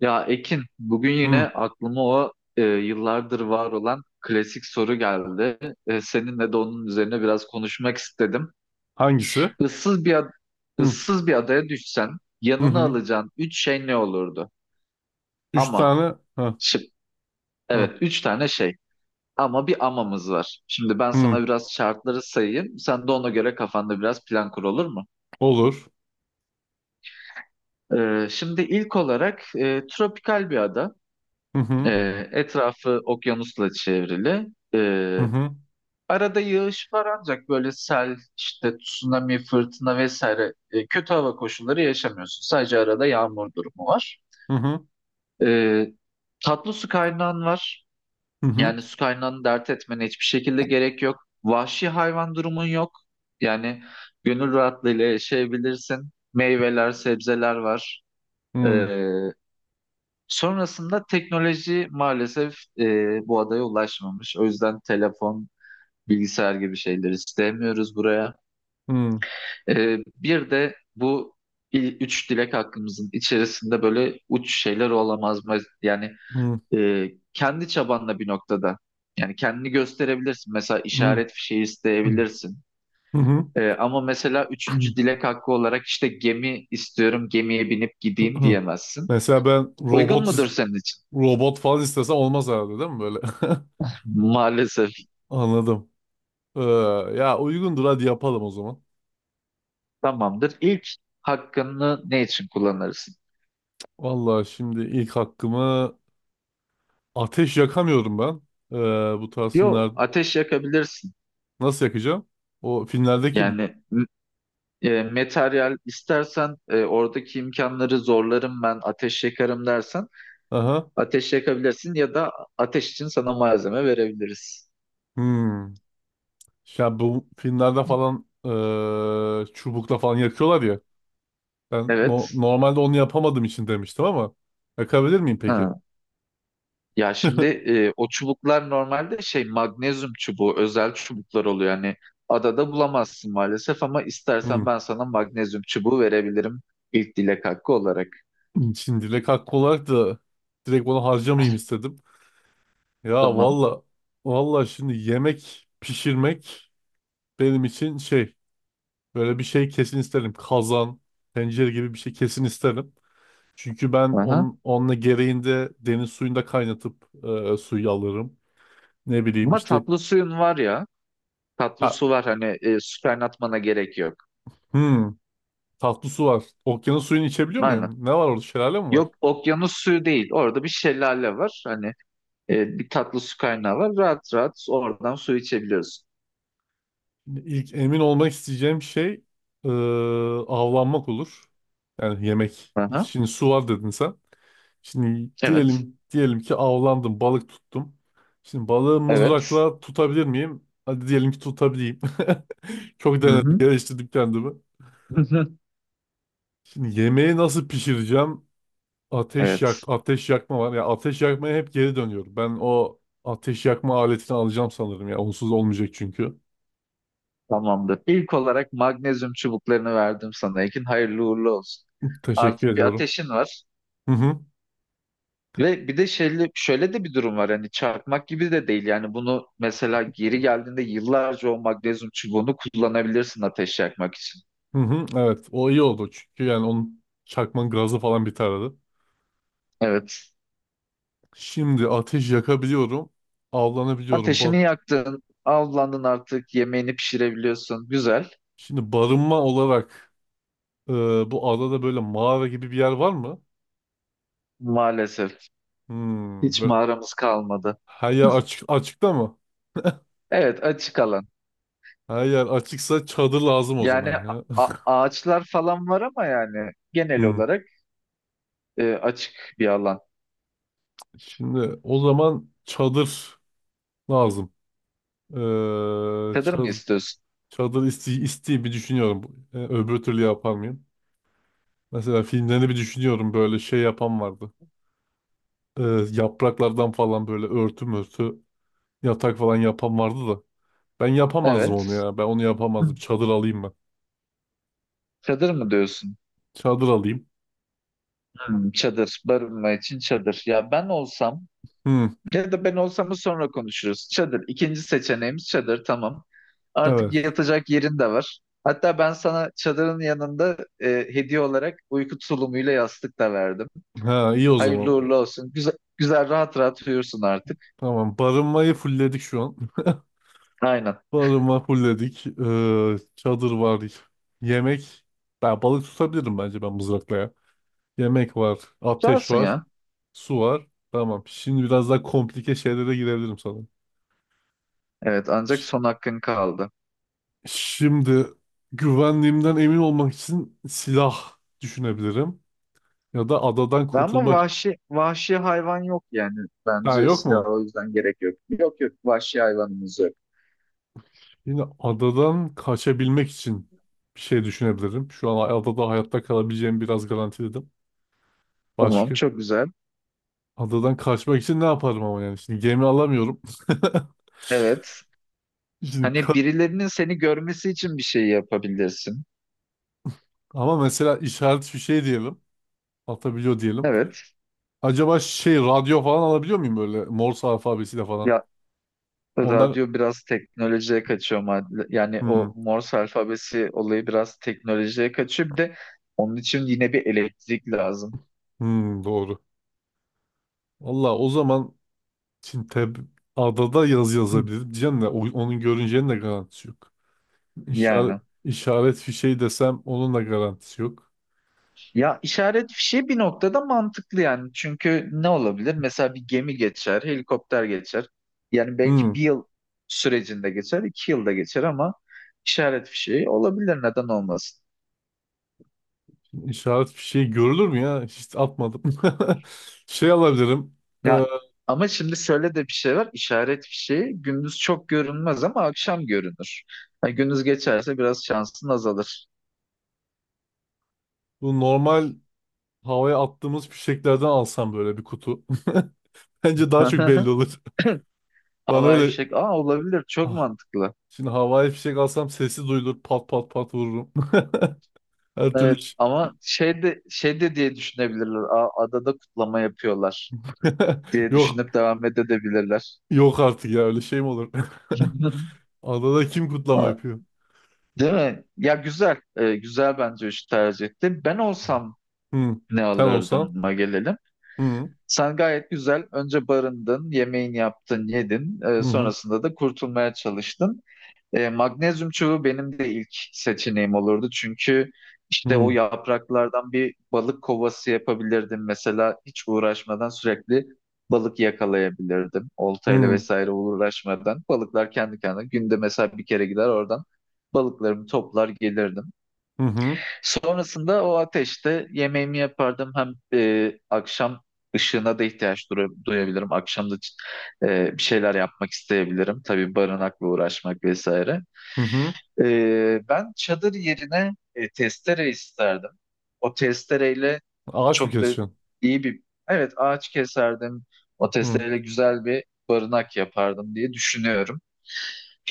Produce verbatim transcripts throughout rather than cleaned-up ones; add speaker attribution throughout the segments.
Speaker 1: Ya Ekin, bugün yine
Speaker 2: Hı.
Speaker 1: aklıma o e, yıllardır var olan klasik soru geldi. E, seninle de onun üzerine biraz konuşmak istedim.
Speaker 2: Hangisi?
Speaker 1: Issız bir ad-
Speaker 2: Hı.
Speaker 1: ıssız bir adaya düşsen
Speaker 2: Hı
Speaker 1: yanına
Speaker 2: hı.
Speaker 1: alacağın üç şey ne olurdu?
Speaker 2: Üç
Speaker 1: Ama
Speaker 2: tane. Hı.
Speaker 1: şıp,
Speaker 2: Hı.
Speaker 1: evet üç tane şey. Ama bir amamız var. Şimdi ben sana
Speaker 2: Hı.
Speaker 1: biraz şartları sayayım. Sen de ona göre kafanda biraz plan kur, olur mu?
Speaker 2: Olur.
Speaker 1: E, şimdi ilk olarak e, tropikal bir ada.
Speaker 2: Hı hı.
Speaker 1: E, Etrafı okyanusla çevrili. E,
Speaker 2: Hı hı.
Speaker 1: Arada yağış var ancak böyle sel, işte tsunami, fırtına vesaire e, kötü hava koşulları yaşamıyorsun. Sadece arada yağmur durumu var.
Speaker 2: Hı hı.
Speaker 1: E, Tatlı su kaynağın var.
Speaker 2: Hı hı.
Speaker 1: Yani su kaynağını dert etmene hiçbir şekilde gerek yok. Vahşi hayvan durumun yok. Yani gönül rahatlığıyla yaşayabilirsin. Meyveler, sebzeler var. E,
Speaker 2: Hı.
Speaker 1: Sonrasında teknoloji maalesef e, bu adaya ulaşmamış. O yüzden telefon, bilgisayar gibi şeyleri istemiyoruz buraya.
Speaker 2: Hı.
Speaker 1: Ee, bir de bu il- üç dilek hakkımızın içerisinde böyle uç şeyler olamaz mı? Yani
Speaker 2: Hı.
Speaker 1: e, kendi çabanla bir noktada. Yani kendini gösterebilirsin. Mesela
Speaker 2: Hı.
Speaker 1: işaret fişeği isteyebilirsin.
Speaker 2: Hı hı.
Speaker 1: Ee, ama mesela üçüncü dilek hakkı olarak işte gemi istiyorum, gemiye binip gideyim diyemezsin.
Speaker 2: Mesela ben
Speaker 1: Uygun
Speaker 2: robot
Speaker 1: mudur
Speaker 2: is-
Speaker 1: senin için?
Speaker 2: robot falan istesem olmaz herhalde değil mi böyle?
Speaker 1: Maalesef.
Speaker 2: Anladım. Ee, Ya uygundur, hadi yapalım o zaman.
Speaker 1: Tamamdır. İlk hakkını ne için kullanırsın?
Speaker 2: Vallahi şimdi ilk hakkımı ateş yakamıyorum ben. Ee, Bu tarz filmler
Speaker 1: Yo, ateş yakabilirsin.
Speaker 2: nasıl yakacağım? O filmlerdeki mi var?
Speaker 1: Yani e, materyal istersen e, oradaki imkanları zorlarım ben ateş yakarım dersen
Speaker 2: Aha.
Speaker 1: ateş yakabilirsin ya da ateş için sana malzeme verebiliriz.
Speaker 2: Hmm. Ya bu filmlerde falan eee, çubukla falan yakıyorlar ya. Ben no-
Speaker 1: Evet.
Speaker 2: normalde onu yapamadığım için demiştim ama yakabilir miyim peki?
Speaker 1: Ha. Ya şimdi e, o çubuklar normalde şey magnezyum çubuğu, özel çubuklar oluyor. Yani adada bulamazsın maalesef, ama istersen
Speaker 2: Hmm.
Speaker 1: ben sana magnezyum çubuğu verebilirim ilk dilek hakkı olarak.
Speaker 2: Şimdi dilek hakkı olarak da direkt onu harcamayayım istedim. Ya
Speaker 1: Tamam.
Speaker 2: valla, valla şimdi yemek pişirmek benim için şey, böyle bir şey kesin isterim. Kazan, tencere gibi bir şey kesin isterim. Çünkü ben
Speaker 1: Aha.
Speaker 2: onun, onunla gereğinde deniz suyunda kaynatıp eee, suyu alırım. Ne bileyim
Speaker 1: Ama
Speaker 2: işte.
Speaker 1: tatlı suyun var ya, tatlı
Speaker 2: Ha,
Speaker 1: su var, hani e, su kaynatmana gerek yok.
Speaker 2: hmm. Tatlı su var. Okyanus suyunu içebiliyor
Speaker 1: Aynen.
Speaker 2: muyum? Ne var orada? Şelale mi var?
Speaker 1: Yok, okyanus suyu değil. Orada bir şelale var. Hani e, bir tatlı su kaynağı var. Rahat rahat oradan su içebiliyorsun.
Speaker 2: İlk emin olmak isteyeceğim şey eee, avlanmak olur. Yani yemek.
Speaker 1: Aha.
Speaker 2: Şimdi su var dedin sen. Şimdi
Speaker 1: Evet.
Speaker 2: diyelim diyelim ki avlandım, balık tuttum. Şimdi balığı
Speaker 1: Evet.
Speaker 2: mızrakla tutabilir miyim? Hadi diyelim ki tutabileyim. Çok
Speaker 1: Hı
Speaker 2: denedim,
Speaker 1: hı.
Speaker 2: geliştirdim kendimi. Şimdi yemeği nasıl pişireceğim? Ateş yak,
Speaker 1: Evet.
Speaker 2: ateş yakma var. Ya ateş yakmaya hep geri dönüyorum. Ben o ateş yakma aletini alacağım sanırım ya. Onsuz olmayacak çünkü.
Speaker 1: Tamamdır. İlk olarak magnezyum çubuklarını verdim sana Ekin. Hayırlı uğurlu olsun.
Speaker 2: Teşekkür
Speaker 1: Artık bir
Speaker 2: ediyorum.
Speaker 1: ateşin var.
Speaker 2: Hı hı.
Speaker 1: Ve bir de şöyle, şöyle de bir durum var. Hani çarpmak gibi de değil. Yani bunu mesela geri geldiğinde yıllarca o magnezyum çubuğunu kullanabilirsin ateş yakmak için.
Speaker 2: Hı hı. Evet, o iyi oldu. Çünkü yani onun, çakmanın gazı falan biterdi.
Speaker 1: Evet.
Speaker 2: Şimdi ateş yakabiliyorum. Avlanabiliyorum. Bu.
Speaker 1: Ateşini yaktın, avlandın artık, yemeğini pişirebiliyorsun. Güzel.
Speaker 2: Şimdi barınma olarak e, bu adada böyle mağara gibi bir yer var mı?
Speaker 1: Maalesef
Speaker 2: Hmm,
Speaker 1: hiç
Speaker 2: böyle
Speaker 1: mağaramız kalmadı.
Speaker 2: her yer açık, açıkta mı?
Speaker 1: Evet, açık alan.
Speaker 2: Her yer açıksa çadır lazım o zaman
Speaker 1: Yani
Speaker 2: ya.
Speaker 1: a- ağaçlar falan var ama yani genel
Speaker 2: Hmm.
Speaker 1: olarak e, açık bir alan.
Speaker 2: Şimdi o zaman çadır lazım. Ee,
Speaker 1: Çadır mı
Speaker 2: Çadır,
Speaker 1: istiyorsun?
Speaker 2: çadır isteği, isteği bir düşünüyorum. Ee, öbür türlü yapar mıyım? Mesela filmlerini bir düşünüyorum, böyle şey yapan vardı. Ee, Yapraklardan falan böyle örtü mörtü, yatak falan yapan vardı da. Ben yapamazdım onu
Speaker 1: Evet.
Speaker 2: ya. Ben onu yapamazdım.
Speaker 1: Hı.
Speaker 2: Çadır alayım ben.
Speaker 1: Çadır mı diyorsun?
Speaker 2: Çadır alayım.
Speaker 1: Hmm, çadır, barınma için çadır. Ya ben olsam,
Speaker 2: Hmm,
Speaker 1: ya da ben olsam sonra konuşuruz. Çadır. İkinci seçeneğimiz çadır. Tamam. Artık
Speaker 2: evet.
Speaker 1: yatacak yerin de var. Hatta ben sana çadırın yanında e, hediye olarak uyku tulumuyla yastık da verdim.
Speaker 2: Ha, iyi o zaman.
Speaker 1: Hayırlı uğurlu olsun. Güzel, güzel, rahat rahat uyursun artık.
Speaker 2: Tamam. Barınmayı fullledik şu an.
Speaker 1: Aynen.
Speaker 2: Barınma fullledik. Ee, çadır var. Yemek. Ben balık tutabilirim bence, ben mızrakla ya. Yemek var. Ateş
Speaker 1: Tutarsın
Speaker 2: var.
Speaker 1: ya.
Speaker 2: Su var. Tamam. Şimdi biraz daha komplike şeylere girebilirim sanırım.
Speaker 1: Evet, ancak son hakkın kaldı.
Speaker 2: Şimdi güvenliğimden emin olmak için silah düşünebilirim. Ya da adadan
Speaker 1: Ve ama
Speaker 2: kurtulmak.
Speaker 1: vahşi vahşi hayvan yok yani.
Speaker 2: Ha,
Speaker 1: Bence
Speaker 2: yok
Speaker 1: silah
Speaker 2: mu?
Speaker 1: o yüzden gerek yok. Yok yok, vahşi hayvanımız yok.
Speaker 2: Yine adadan kaçabilmek için bir şey düşünebilirim. Şu an adada hayatta kalabileceğimi biraz garantiledim.
Speaker 1: Tamam,
Speaker 2: Başka?
Speaker 1: çok güzel.
Speaker 2: Adadan kaçmak için ne yaparım ama yani? Şimdi gemi alamıyorum.
Speaker 1: Evet.
Speaker 2: Şimdi
Speaker 1: Hani
Speaker 2: ka-
Speaker 1: birilerinin seni görmesi için bir şey yapabilirsin.
Speaker 2: ama mesela işaret fişeği diyelim. Atabiliyor diyelim.
Speaker 1: Evet.
Speaker 2: Acaba şey, radyo falan alabiliyor muyum böyle Morse alfabesiyle falan?
Speaker 1: Ya,
Speaker 2: Onlar...
Speaker 1: radyo biraz teknolojiye kaçıyor. ma- Yani
Speaker 2: Hmm,
Speaker 1: o Morse alfabesi olayı biraz teknolojiye kaçıyor. Bir de onun için yine bir elektrik lazım.
Speaker 2: hmm, doğru. Valla o zaman Şimdi tab adada yaz
Speaker 1: Hı.
Speaker 2: yazabilirim. Diyeceğim de o- onun görüneceğinin de garantisi yok. İşaret,
Speaker 1: Yani.
Speaker 2: işaret fişeği desem onun da garantisi yok.
Speaker 1: Ya işaret fişi bir noktada mantıklı yani. Çünkü ne olabilir? Mesela bir gemi geçer, helikopter geçer. Yani
Speaker 2: Hmm,
Speaker 1: belki bir yıl sürecinde geçer, iki yılda geçer, ama işaret fişi olabilir. Neden olmasın?
Speaker 2: işaret fişeği görülür mü ya? Hiç atmadım. Şey alabilirim. e,
Speaker 1: Ya, ama şimdi şöyle de bir şey var. İşaret fişeği gündüz çok görünmez ama akşam görünür. Ha, gündüz geçerse biraz şansın azalır.
Speaker 2: Bu normal havaya attığımız fişeklerden alsam böyle bir kutu. Bence daha çok belli olur. Bana
Speaker 1: Havai
Speaker 2: öyle,
Speaker 1: fişek. Aa, olabilir. Çok
Speaker 2: ah,
Speaker 1: mantıklı.
Speaker 2: şimdi havai fişek alsam sesi duyulur. Pat pat pat vururum. Her türlü
Speaker 1: Evet
Speaker 2: iş.
Speaker 1: ama şey de, şey de diye düşünebilirler. Aa, adada kutlama yapıyorlar diye
Speaker 2: Yok.
Speaker 1: düşünüp devam edebilirler.
Speaker 2: Yok artık ya, öyle şey mi olur? Adada kim kutlama
Speaker 1: Aa,
Speaker 2: yapıyor?
Speaker 1: değil mi? Ya güzel. Ee, güzel, bence üç tercih etti. Ben olsam
Speaker 2: Hı.
Speaker 1: ne
Speaker 2: Sen
Speaker 1: alırdım?
Speaker 2: olsan.
Speaker 1: Gelelim.
Speaker 2: Hı.
Speaker 1: Sen gayet güzel önce barındın, yemeğini yaptın, yedin. Ee,
Speaker 2: Hı hı.
Speaker 1: sonrasında da kurtulmaya çalıştın. Ee, magnezyum çubuğu benim de ilk seçeneğim olurdu. Çünkü işte o
Speaker 2: Hı.
Speaker 1: yapraklardan bir balık kovası yapabilirdim. Mesela hiç uğraşmadan sürekli balık yakalayabilirdim. Oltayla
Speaker 2: Hı.
Speaker 1: vesaire uğraşmadan. Balıklar kendi kendine günde mesela bir kere gider, oradan balıklarımı toplar gelirdim.
Speaker 2: Hı hı.
Speaker 1: Sonrasında o ateşte yemeğimi yapardım. Hem e, akşam ışığına da ihtiyaç dura- duyabilirim. Akşam da e, bir şeyler yapmak isteyebilirim. Tabii barınakla uğraşmak vesaire.
Speaker 2: Hı hı.
Speaker 1: E, ben çadır yerine e, testere isterdim. O testereyle
Speaker 2: Ağaç mı
Speaker 1: çok da
Speaker 2: keseceksin?
Speaker 1: iyi bir... Evet, ağaç keserdim. O
Speaker 2: Hı.
Speaker 1: testereyle güzel bir barınak yapardım diye düşünüyorum.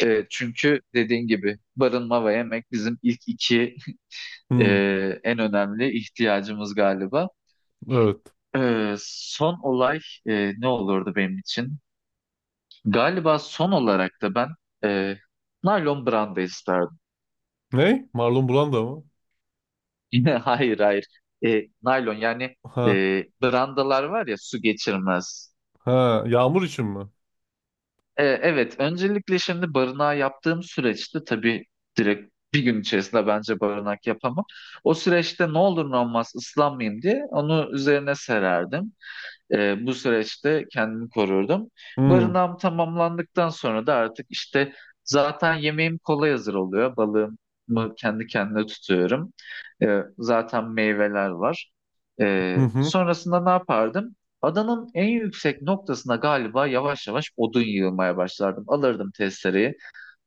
Speaker 1: E, çünkü dediğin gibi barınma ve yemek bizim ilk iki e,
Speaker 2: Hı.
Speaker 1: en önemli ihtiyacımız galiba.
Speaker 2: Evet.
Speaker 1: E, son olay e, ne olurdu benim için? Galiba son olarak da ben e, naylon branda isterdim.
Speaker 2: Ne? Marlon Brando mı?
Speaker 1: Yine hayır hayır. E, naylon yani e,
Speaker 2: Ha.
Speaker 1: brandalar var ya, su geçirmez.
Speaker 2: Ha. Yağmur için mi?
Speaker 1: E, evet, öncelikle şimdi barınağı yaptığım süreçte tabii direkt bir gün içerisinde bence barınak yapamam. O süreçte ne olur ne olmaz, ıslanmayayım diye onu üzerine sererdim. Ee, bu süreçte kendimi korurdum.
Speaker 2: Hı.
Speaker 1: Barınağım tamamlandıktan sonra da artık işte zaten yemeğim kolay hazır oluyor. Balığımı kendi kendine tutuyorum. Ee, zaten meyveler var.
Speaker 2: Hı
Speaker 1: Ee,
Speaker 2: hı.
Speaker 1: sonrasında ne yapardım? Adanın en yüksek noktasına galiba yavaş yavaş odun yığmaya başlardım. Alırdım testereyi.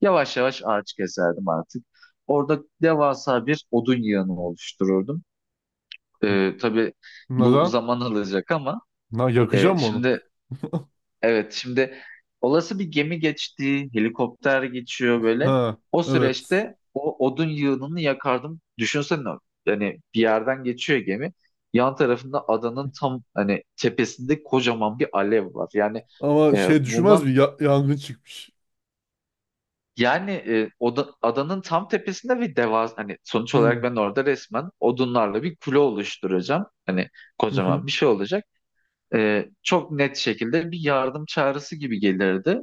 Speaker 1: Yavaş yavaş ağaç keserdim artık. Orada devasa bir odun yığını oluştururdum. Ee, tabii bu
Speaker 2: Neden?
Speaker 1: zaman alacak ama
Speaker 2: Na,
Speaker 1: e,
Speaker 2: yakacağım mı onu?
Speaker 1: şimdi Evet, şimdi olası bir gemi geçti, helikopter geçiyor böyle.
Speaker 2: Ha.
Speaker 1: O
Speaker 2: Evet.
Speaker 1: süreçte o odun yığınını yakardım. Düşünsene hani bir yerden geçiyor gemi. Yan tarafında adanın tam hani tepesinde kocaman bir alev var. Yani
Speaker 2: Ama
Speaker 1: e,
Speaker 2: şey düşünmez mi?
Speaker 1: bundan
Speaker 2: Ya- yangın çıkmış.
Speaker 1: yani e, oda- adanın tam tepesinde bir devas, hani sonuç olarak
Speaker 2: Hı.
Speaker 1: ben orada resmen odunlarla bir kule oluşturacağım. Hani
Speaker 2: Hı hı.
Speaker 1: kocaman bir şey olacak. E, çok net şekilde bir yardım çağrısı gibi gelirdi.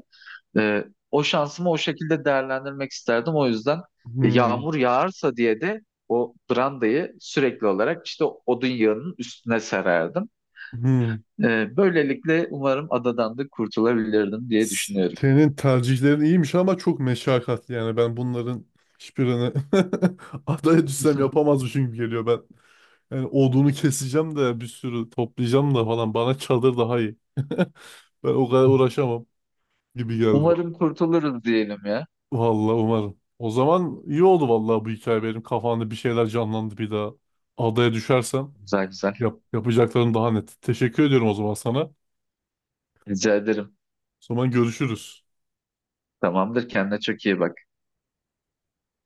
Speaker 1: E, O şansımı o şekilde değerlendirmek isterdim. O yüzden e,
Speaker 2: Hı.
Speaker 1: yağmur yağarsa diye de o brandayı sürekli olarak işte odun yağının üstüne sererdim.
Speaker 2: Hı.
Speaker 1: E, böylelikle umarım adadan da kurtulabilirdim diye düşünüyorum.
Speaker 2: Senin tercihlerin iyiymiş ama çok meşakkatli yani, ben bunların hiçbirini adaya düşsem yapamazmışım gibi geliyor ben. Yani odunu keseceğim de, bir sürü toplayacağım da falan, bana çadır daha iyi. Ben o kadar uğraşamam gibi geldi bana.
Speaker 1: Umarım kurtuluruz diyelim ya.
Speaker 2: Vallahi umarım. O zaman iyi oldu vallahi, bu hikaye benim kafamda bir şeyler canlandı bir daha. Adaya düşersem
Speaker 1: Güzel güzel.
Speaker 2: yap, yapacaklarım daha net. Teşekkür ediyorum o zaman sana. O
Speaker 1: Rica ederim.
Speaker 2: zaman görüşürüz.
Speaker 1: Tamamdır. Kendine çok iyi bak.